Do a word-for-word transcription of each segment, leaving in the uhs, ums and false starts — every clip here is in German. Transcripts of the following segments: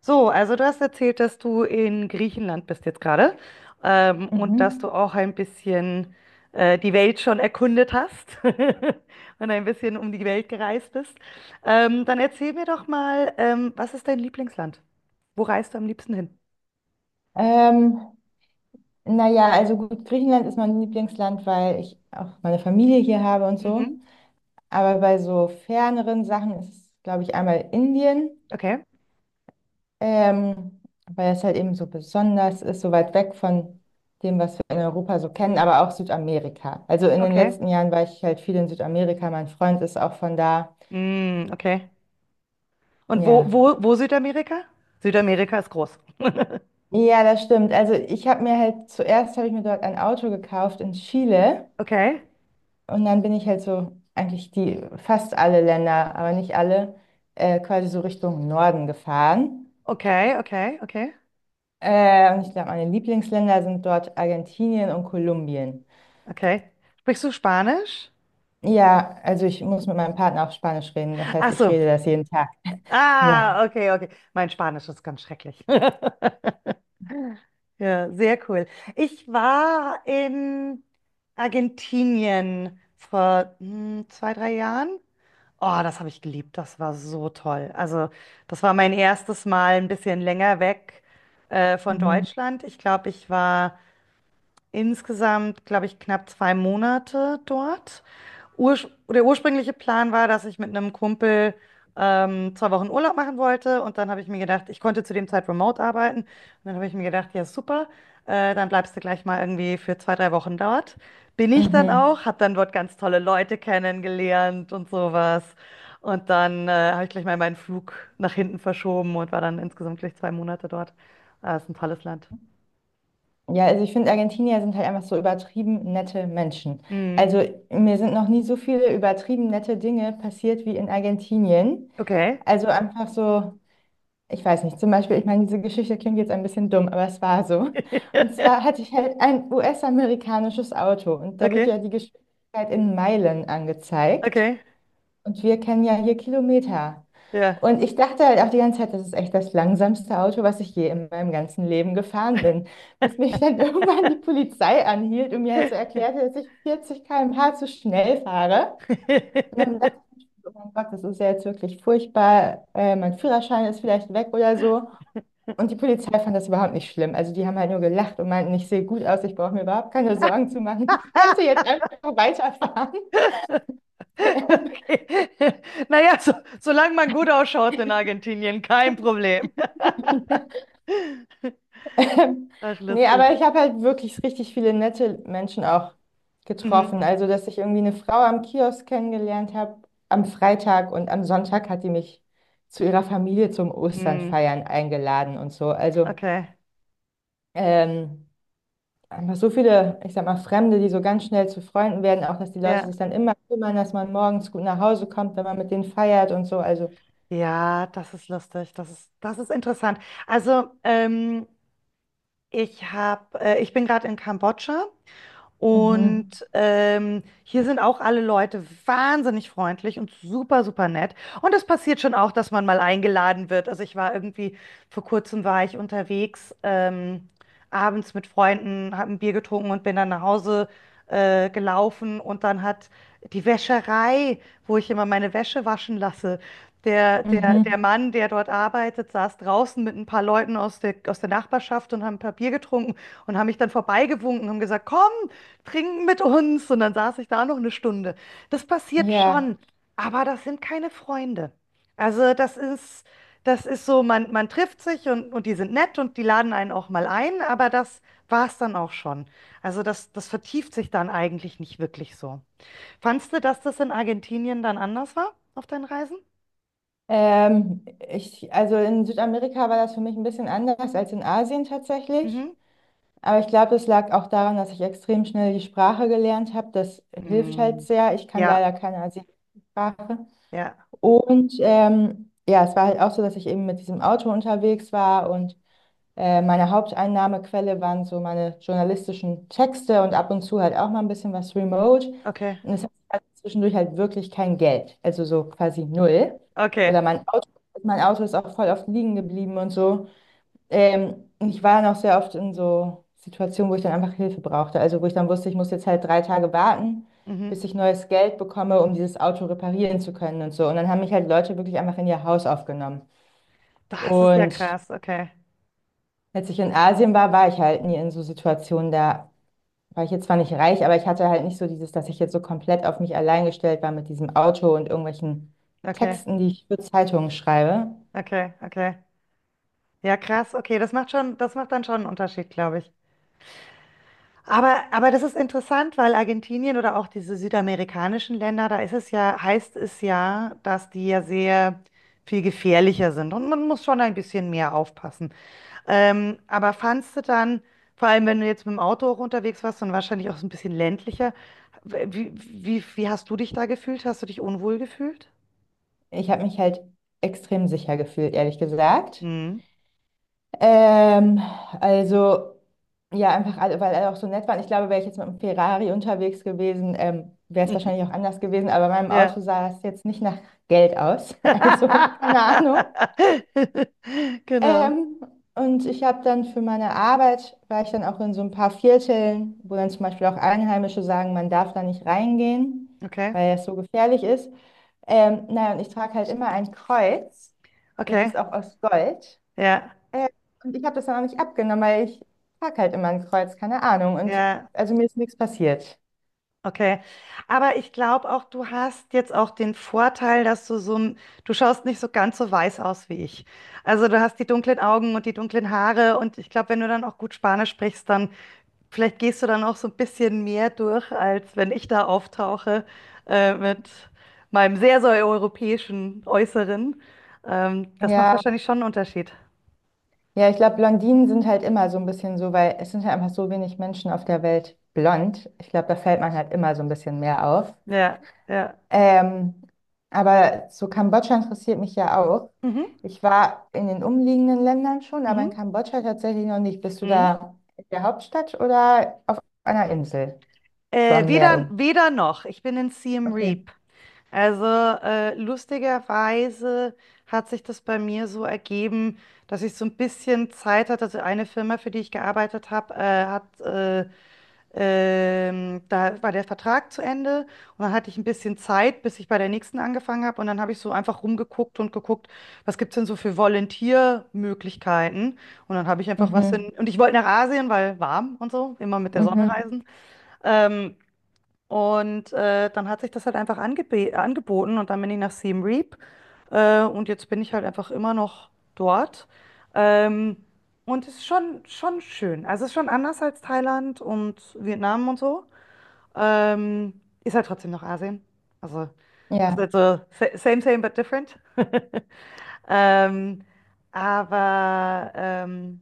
So, also du hast erzählt, dass du in Griechenland bist jetzt gerade ähm, und dass du Mhm. auch ein bisschen äh, die Welt schon erkundet hast und ein bisschen um die Welt gereist bist. Ähm, dann erzähl mir doch mal, ähm, was ist dein Lieblingsland? Wo reist du am liebsten hin? Ähm, naja, also gut, Griechenland ist mein Lieblingsland, weil ich auch meine Familie hier habe und so. Mhm. Aber bei so ferneren Sachen ist es, glaube ich, einmal Indien, Okay, ähm, weil es halt eben so besonders ist, so weit weg von dem, was wir in Europa so kennen, aber auch Südamerika. Also in den okay. letzten Jahren war ich halt viel in Südamerika, mein Freund ist auch von da. Mm, okay. Und wo, Ja. wo, wo Südamerika? Südamerika ist groß. Ja, das stimmt. Also ich habe mir halt zuerst habe ich mir dort ein Auto gekauft in Chile. Okay, Und dann bin ich halt so, eigentlich die, fast alle Länder, aber nicht alle, äh, quasi so Richtung Norden gefahren. okay, okay, okay, Äh, und ich glaube, meine Lieblingsländer sind dort Argentinien und Kolumbien. okay. Sprichst du Spanisch? Ja, also ich muss mit meinem Partner auf Spanisch reden, das heißt, Ach ich so. rede das jeden Tag. Ja. Ah, okay, okay. Mein Spanisch ist ganz schrecklich. Ja, sehr cool. Ich war in Argentinien vor hm, zwei, drei Jahren. Oh, das habe ich geliebt. Das war so toll. Also, das war mein erstes Mal ein bisschen länger weg äh, von Mhm. Deutschland. Ich glaube, ich war insgesamt, glaube ich, knapp zwei Monate dort. Ursch Der ursprüngliche Plan war, dass ich mit einem Kumpel ähm, zwei Wochen Urlaub machen wollte, und dann habe ich mir gedacht, ich konnte zu dem Zeit remote arbeiten. Und dann habe ich mir gedacht, ja super, äh, dann bleibst du gleich mal irgendwie für zwei, drei Wochen dort. Bin ich dann Mhm. auch, habe dann dort ganz tolle Leute kennengelernt und sowas, und dann äh, habe ich gleich mal meinen Flug nach hinten verschoben und war dann insgesamt gleich zwei Monate dort. Ah, ist ein tolles Land. Ja, also ich finde, Argentinier sind halt einfach so übertrieben nette Menschen. Mhm. Also mir sind noch nie so viele übertrieben nette Dinge passiert wie in Argentinien. Okay. Also einfach so. Ich weiß nicht, zum Beispiel, ich meine, diese Geschichte klingt jetzt ein bisschen dumm, aber es war so. Und zwar hatte ich halt ein U S-amerikanisches Auto und da wird Okay, ja die Geschwindigkeit in Meilen angezeigt, okay, und wir kennen ja hier Kilometer. ja. Und ich dachte halt auch die ganze Zeit, das ist echt das langsamste Auto, was ich je in meinem ganzen Leben gefahren bin, bis mich dann irgendwann die Polizei anhielt und mir halt so erklärte, dass ich vierzig Kilometer pro Stunde zu schnell fahre. Und dann dachte ich, oh mein Gott, das ist ja jetzt wirklich furchtbar, äh, mein Führerschein ist vielleicht weg oder so. Und die Polizei fand das überhaupt nicht schlimm. Also die haben halt nur gelacht und meinten, ich sehe gut aus, ich brauche mir überhaupt keine Sorgen zu machen. Ich könnte jetzt einfach weiterfahren. Okay. Naja, so, solange man gut ausschaut in Argentinien, kein Problem. Ähm, ja. Ähm, Ach nee, aber lustig. ich habe halt wirklich richtig viele nette Menschen auch Mhm. getroffen. Also, dass ich irgendwie eine Frau am Kiosk kennengelernt habe am Freitag, und am Sonntag hat die mich zu ihrer Familie zum Mhm. Osternfeiern eingeladen und so. Also, Okay. ähm, einfach so viele, ich sag mal, Fremde, die so ganz schnell zu Freunden werden, auch dass die Leute Ja. sich dann immer kümmern, dass man morgens gut nach Hause kommt, wenn man mit denen feiert und so. Also, Ja, das ist lustig. Das ist, das ist interessant. Also, ähm, ich hab, äh, ich bin gerade in Kambodscha. Und mhm, ähm, hier sind auch alle Leute wahnsinnig freundlich und super, super nett. Und es passiert schon auch, dass man mal eingeladen wird. Also ich war irgendwie, vor kurzem war ich unterwegs, ähm, abends mit Freunden, habe ein Bier getrunken und bin dann nach Hause äh, gelaufen. Und dann hat die Wäscherei, wo ich immer meine Wäsche waschen lasse, der, der, der mhm, Mann, der dort arbeitet, saß draußen mit ein paar Leuten aus der, aus der Nachbarschaft und haben ein paar Bier getrunken und haben mich dann vorbeigewunken und haben gesagt, komm trinken mit uns. Und dann saß ich da noch eine Stunde. Das passiert ja. schon, aber das sind keine Freunde. Also das ist, das ist so, man, man trifft sich und, und die sind nett und die laden einen auch mal ein, aber das war es dann auch schon. Also das, das vertieft sich dann eigentlich nicht wirklich so. Fandst du, dass das in Argentinien dann anders war auf deinen Reisen? Ähm, ich, also in Südamerika war das für mich ein bisschen anders als in Asien tatsächlich. Mhm. Aber ich glaube, das lag auch daran, dass ich extrem schnell die Sprache gelernt habe. Das hilft halt Mm. sehr. Ich kann Ja, leider keine asiatische Sprache. ja, Und ähm, ja, es war halt auch so, dass ich eben mit diesem Auto unterwegs war, und Äh, meine Haupteinnahmequelle waren so meine journalistischen Texte und ab und zu halt auch mal ein bisschen was remote. okay, Und es hat halt zwischendurch halt wirklich kein Geld, also so quasi null. Oder okay. mein Auto, mein Auto ist auch voll oft liegen geblieben und so. Ähm, und ich war dann auch sehr oft in so Situationen, wo ich dann einfach Hilfe brauchte. Also wo ich dann wusste, ich muss jetzt halt drei Tage warten, Mhm. bis ich neues Geld bekomme, um dieses Auto reparieren zu können und so. Und dann haben mich halt Leute wirklich einfach in ihr Haus aufgenommen. Das ist ja Und krass, okay, als ich in Asien war, war ich halt nie in so Situationen. Da war ich jetzt zwar nicht reich, aber ich hatte halt nicht so dieses, dass ich jetzt so komplett auf mich allein gestellt war mit diesem Auto und irgendwelchen okay, Texten, die ich für Zeitungen schreibe. okay, okay. Ja, krass. Okay, das macht schon, das macht dann schon einen Unterschied, glaube ich. Aber, aber das ist interessant, weil Argentinien oder auch diese südamerikanischen Länder, da ist es ja, heißt es ja, dass die ja sehr viel gefährlicher sind und man muss schon ein bisschen mehr aufpassen. Ähm, aber fandst du dann, vor allem wenn du jetzt mit dem Auto auch unterwegs warst und wahrscheinlich auch so ein bisschen ländlicher, wie, wie, wie hast du dich da gefühlt? Hast du dich unwohl gefühlt? Ich habe mich halt extrem sicher gefühlt, ehrlich gesagt. Hm. Ähm, also, ja, einfach, alle- weil alle auch so nett waren. Ich glaube, wäre ich jetzt mit einem Ferrari unterwegs gewesen, ähm, wäre es wahrscheinlich auch anders gewesen, aber bei meinem Auto Ja. sah es jetzt nicht nach Geld aus. Also, keine Ahnung. Genau. Ähm, und ich habe dann für meine Arbeit, war ich dann auch in so ein paar Vierteln, wo dann zum Beispiel auch Einheimische sagen, man darf da nicht reingehen, Okay. weil es so gefährlich ist. Ähm, naja, und ich trage halt immer ein Kreuz, das Okay, ist auch aus Gold. ja, Äh, und ich habe das dann auch nicht abgenommen, weil ich trage halt immer ein Kreuz, keine Ahnung. Und ja, also mir ist nichts passiert. okay. Aber ich glaube auch, du hast jetzt auch den Vorteil, dass du so, ein- du schaust nicht so ganz so weiß aus wie ich. Also du hast die dunklen Augen und die dunklen Haare, und ich glaube, wenn du dann auch gut Spanisch sprichst, dann vielleicht gehst du dann auch so ein bisschen mehr durch, als wenn ich da auftauche äh, mit meinem sehr, sehr europäischen Äußeren. Ähm, das macht Ja, wahrscheinlich schon einen Unterschied. ja, ich glaube, Blondinen sind halt immer so ein bisschen so, weil es sind halt einfach so wenig Menschen auf der Welt blond. Ich glaube, da fällt man halt immer so ein bisschen mehr auf. Ja, ja. Ähm, aber so Kambodscha interessiert mich ja auch. Mhm, Ich war in den umliegenden Ländern schon, aber in mhm, Kambodscha tatsächlich noch nicht. Bist du mhm. da in der Hauptstadt oder auf einer Insel? So Äh, am Meer weder, irgendwo. weder noch. Ich bin in Siem Okay. Reap. Also äh, lustigerweise hat sich das bei mir so ergeben, dass ich so ein bisschen Zeit hatte. Also eine Firma, für die ich gearbeitet habe, äh, hat äh, ähm, da war der Vertrag zu Ende, und dann hatte ich ein bisschen Zeit, bis ich bei der nächsten angefangen habe. Und dann habe ich so einfach rumgeguckt und geguckt, was gibt es denn so für Volunteer-Möglichkeiten. Und dann habe ich einfach was in. Mhm. Und ich wollte nach Asien, weil warm und so, immer mit der Sonne Mhm. reisen. Ähm, und äh, Dann hat sich das halt einfach angebe angeboten, und dann bin ich nach Siem Reap äh, und jetzt bin ich halt einfach immer noch dort. Ähm, und es ist schon, schon schön. Also es ist schon anders als Thailand und Vietnam und so. Ähm, ist halt trotzdem noch Asien. Also es ist Ja. halt so sa- same, same, but different. Ähm, aber ähm,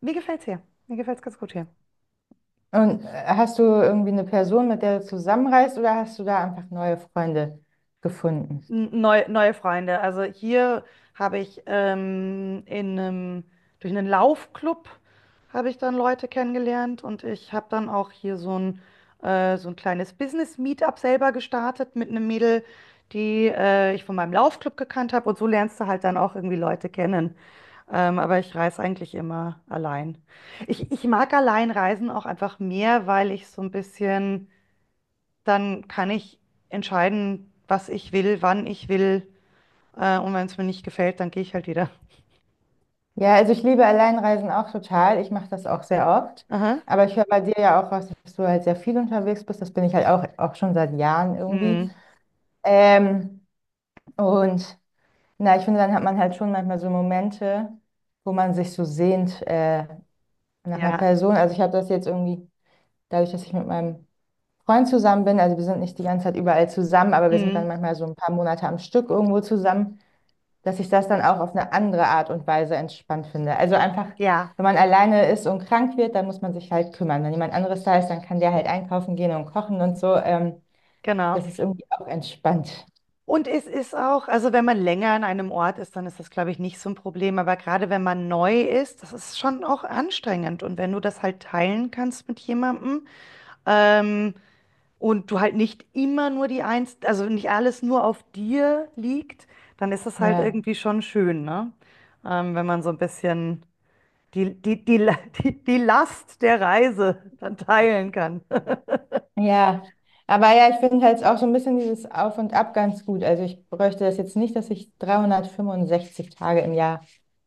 Mir gefällt's hier. Mir gefällt's ganz gut hier. Und äh, hast du irgendwie eine Person, mit der du zusammenreist, oder hast du da einfach neue Freunde gefunden? N- Neu, neue Freunde. Also hier habe ich ähm, in einem, durch einen Laufclub habe ich dann Leute kennengelernt, und ich habe dann auch hier so ein, äh, so ein kleines Business-Meetup selber gestartet mit einem Mädel, die äh, ich von meinem Laufclub gekannt habe, und so lernst du halt dann auch irgendwie Leute kennen. Ähm, aber ich reise eigentlich immer allein. Ich, ich mag allein reisen auch einfach mehr, weil ich so ein bisschen, dann kann ich entscheiden, was ich will, wann ich will. Äh, und wenn es mir nicht gefällt, dann gehe ich halt wieder. Ja, also ich liebe Alleinreisen auch total. Ich mache das auch sehr oft. Aha. Aber ich höre bei dir ja auch raus, dass du halt sehr viel unterwegs bist. Das bin ich halt auch, auch schon seit Jahren irgendwie. Mhm. Ähm, und na, ich finde, dann hat man halt schon manchmal so Momente, wo man sich so sehnt äh, nach einer Ja. Person. Also ich habe das jetzt irgendwie, dadurch, dass ich mit meinem Freund zusammen bin, also wir sind nicht die ganze Zeit überall zusammen, aber wir sind Mhm. dann manchmal so ein paar Monate am Stück irgendwo zusammen, dass ich das dann auch auf eine andere Art und Weise entspannt finde. Also einfach, Ja, wenn man alleine ist und krank wird, dann muss man sich halt kümmern. Wenn jemand anderes da ist, dann kann der halt einkaufen gehen und kochen und so. Ähm, genau. Das ist irgendwie auch entspannt. Und es ist auch, also wenn man länger an einem Ort ist, dann ist das, glaube ich, nicht so ein Problem. Aber gerade wenn man neu ist, das ist schon auch anstrengend. Und wenn du das halt teilen kannst mit jemandem, ähm, und du halt nicht immer nur die Eins, also nicht alles nur auf dir liegt, dann ist das halt Ja, irgendwie schon schön, ne? Ähm, wenn man so ein bisschen die, die, die, die, die Last der Reise dann teilen kann. ja. Aber ja, ich finde halt auch so ein bisschen dieses Auf und Ab ganz gut. Also ich bräuchte das jetzt nicht, dass ich dreihundertfünfundsechzig Tage im Jahr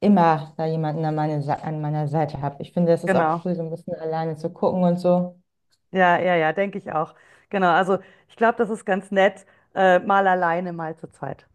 immer da jemanden an, meine, Sa- an meiner Seite habe. Ich finde, das ist auch Genau. cool, so ein bisschen alleine zu gucken und so. Ja, ja, ja, denke ich auch. Genau. Also ich glaube, das ist ganz nett, äh, mal alleine, mal zu zweit.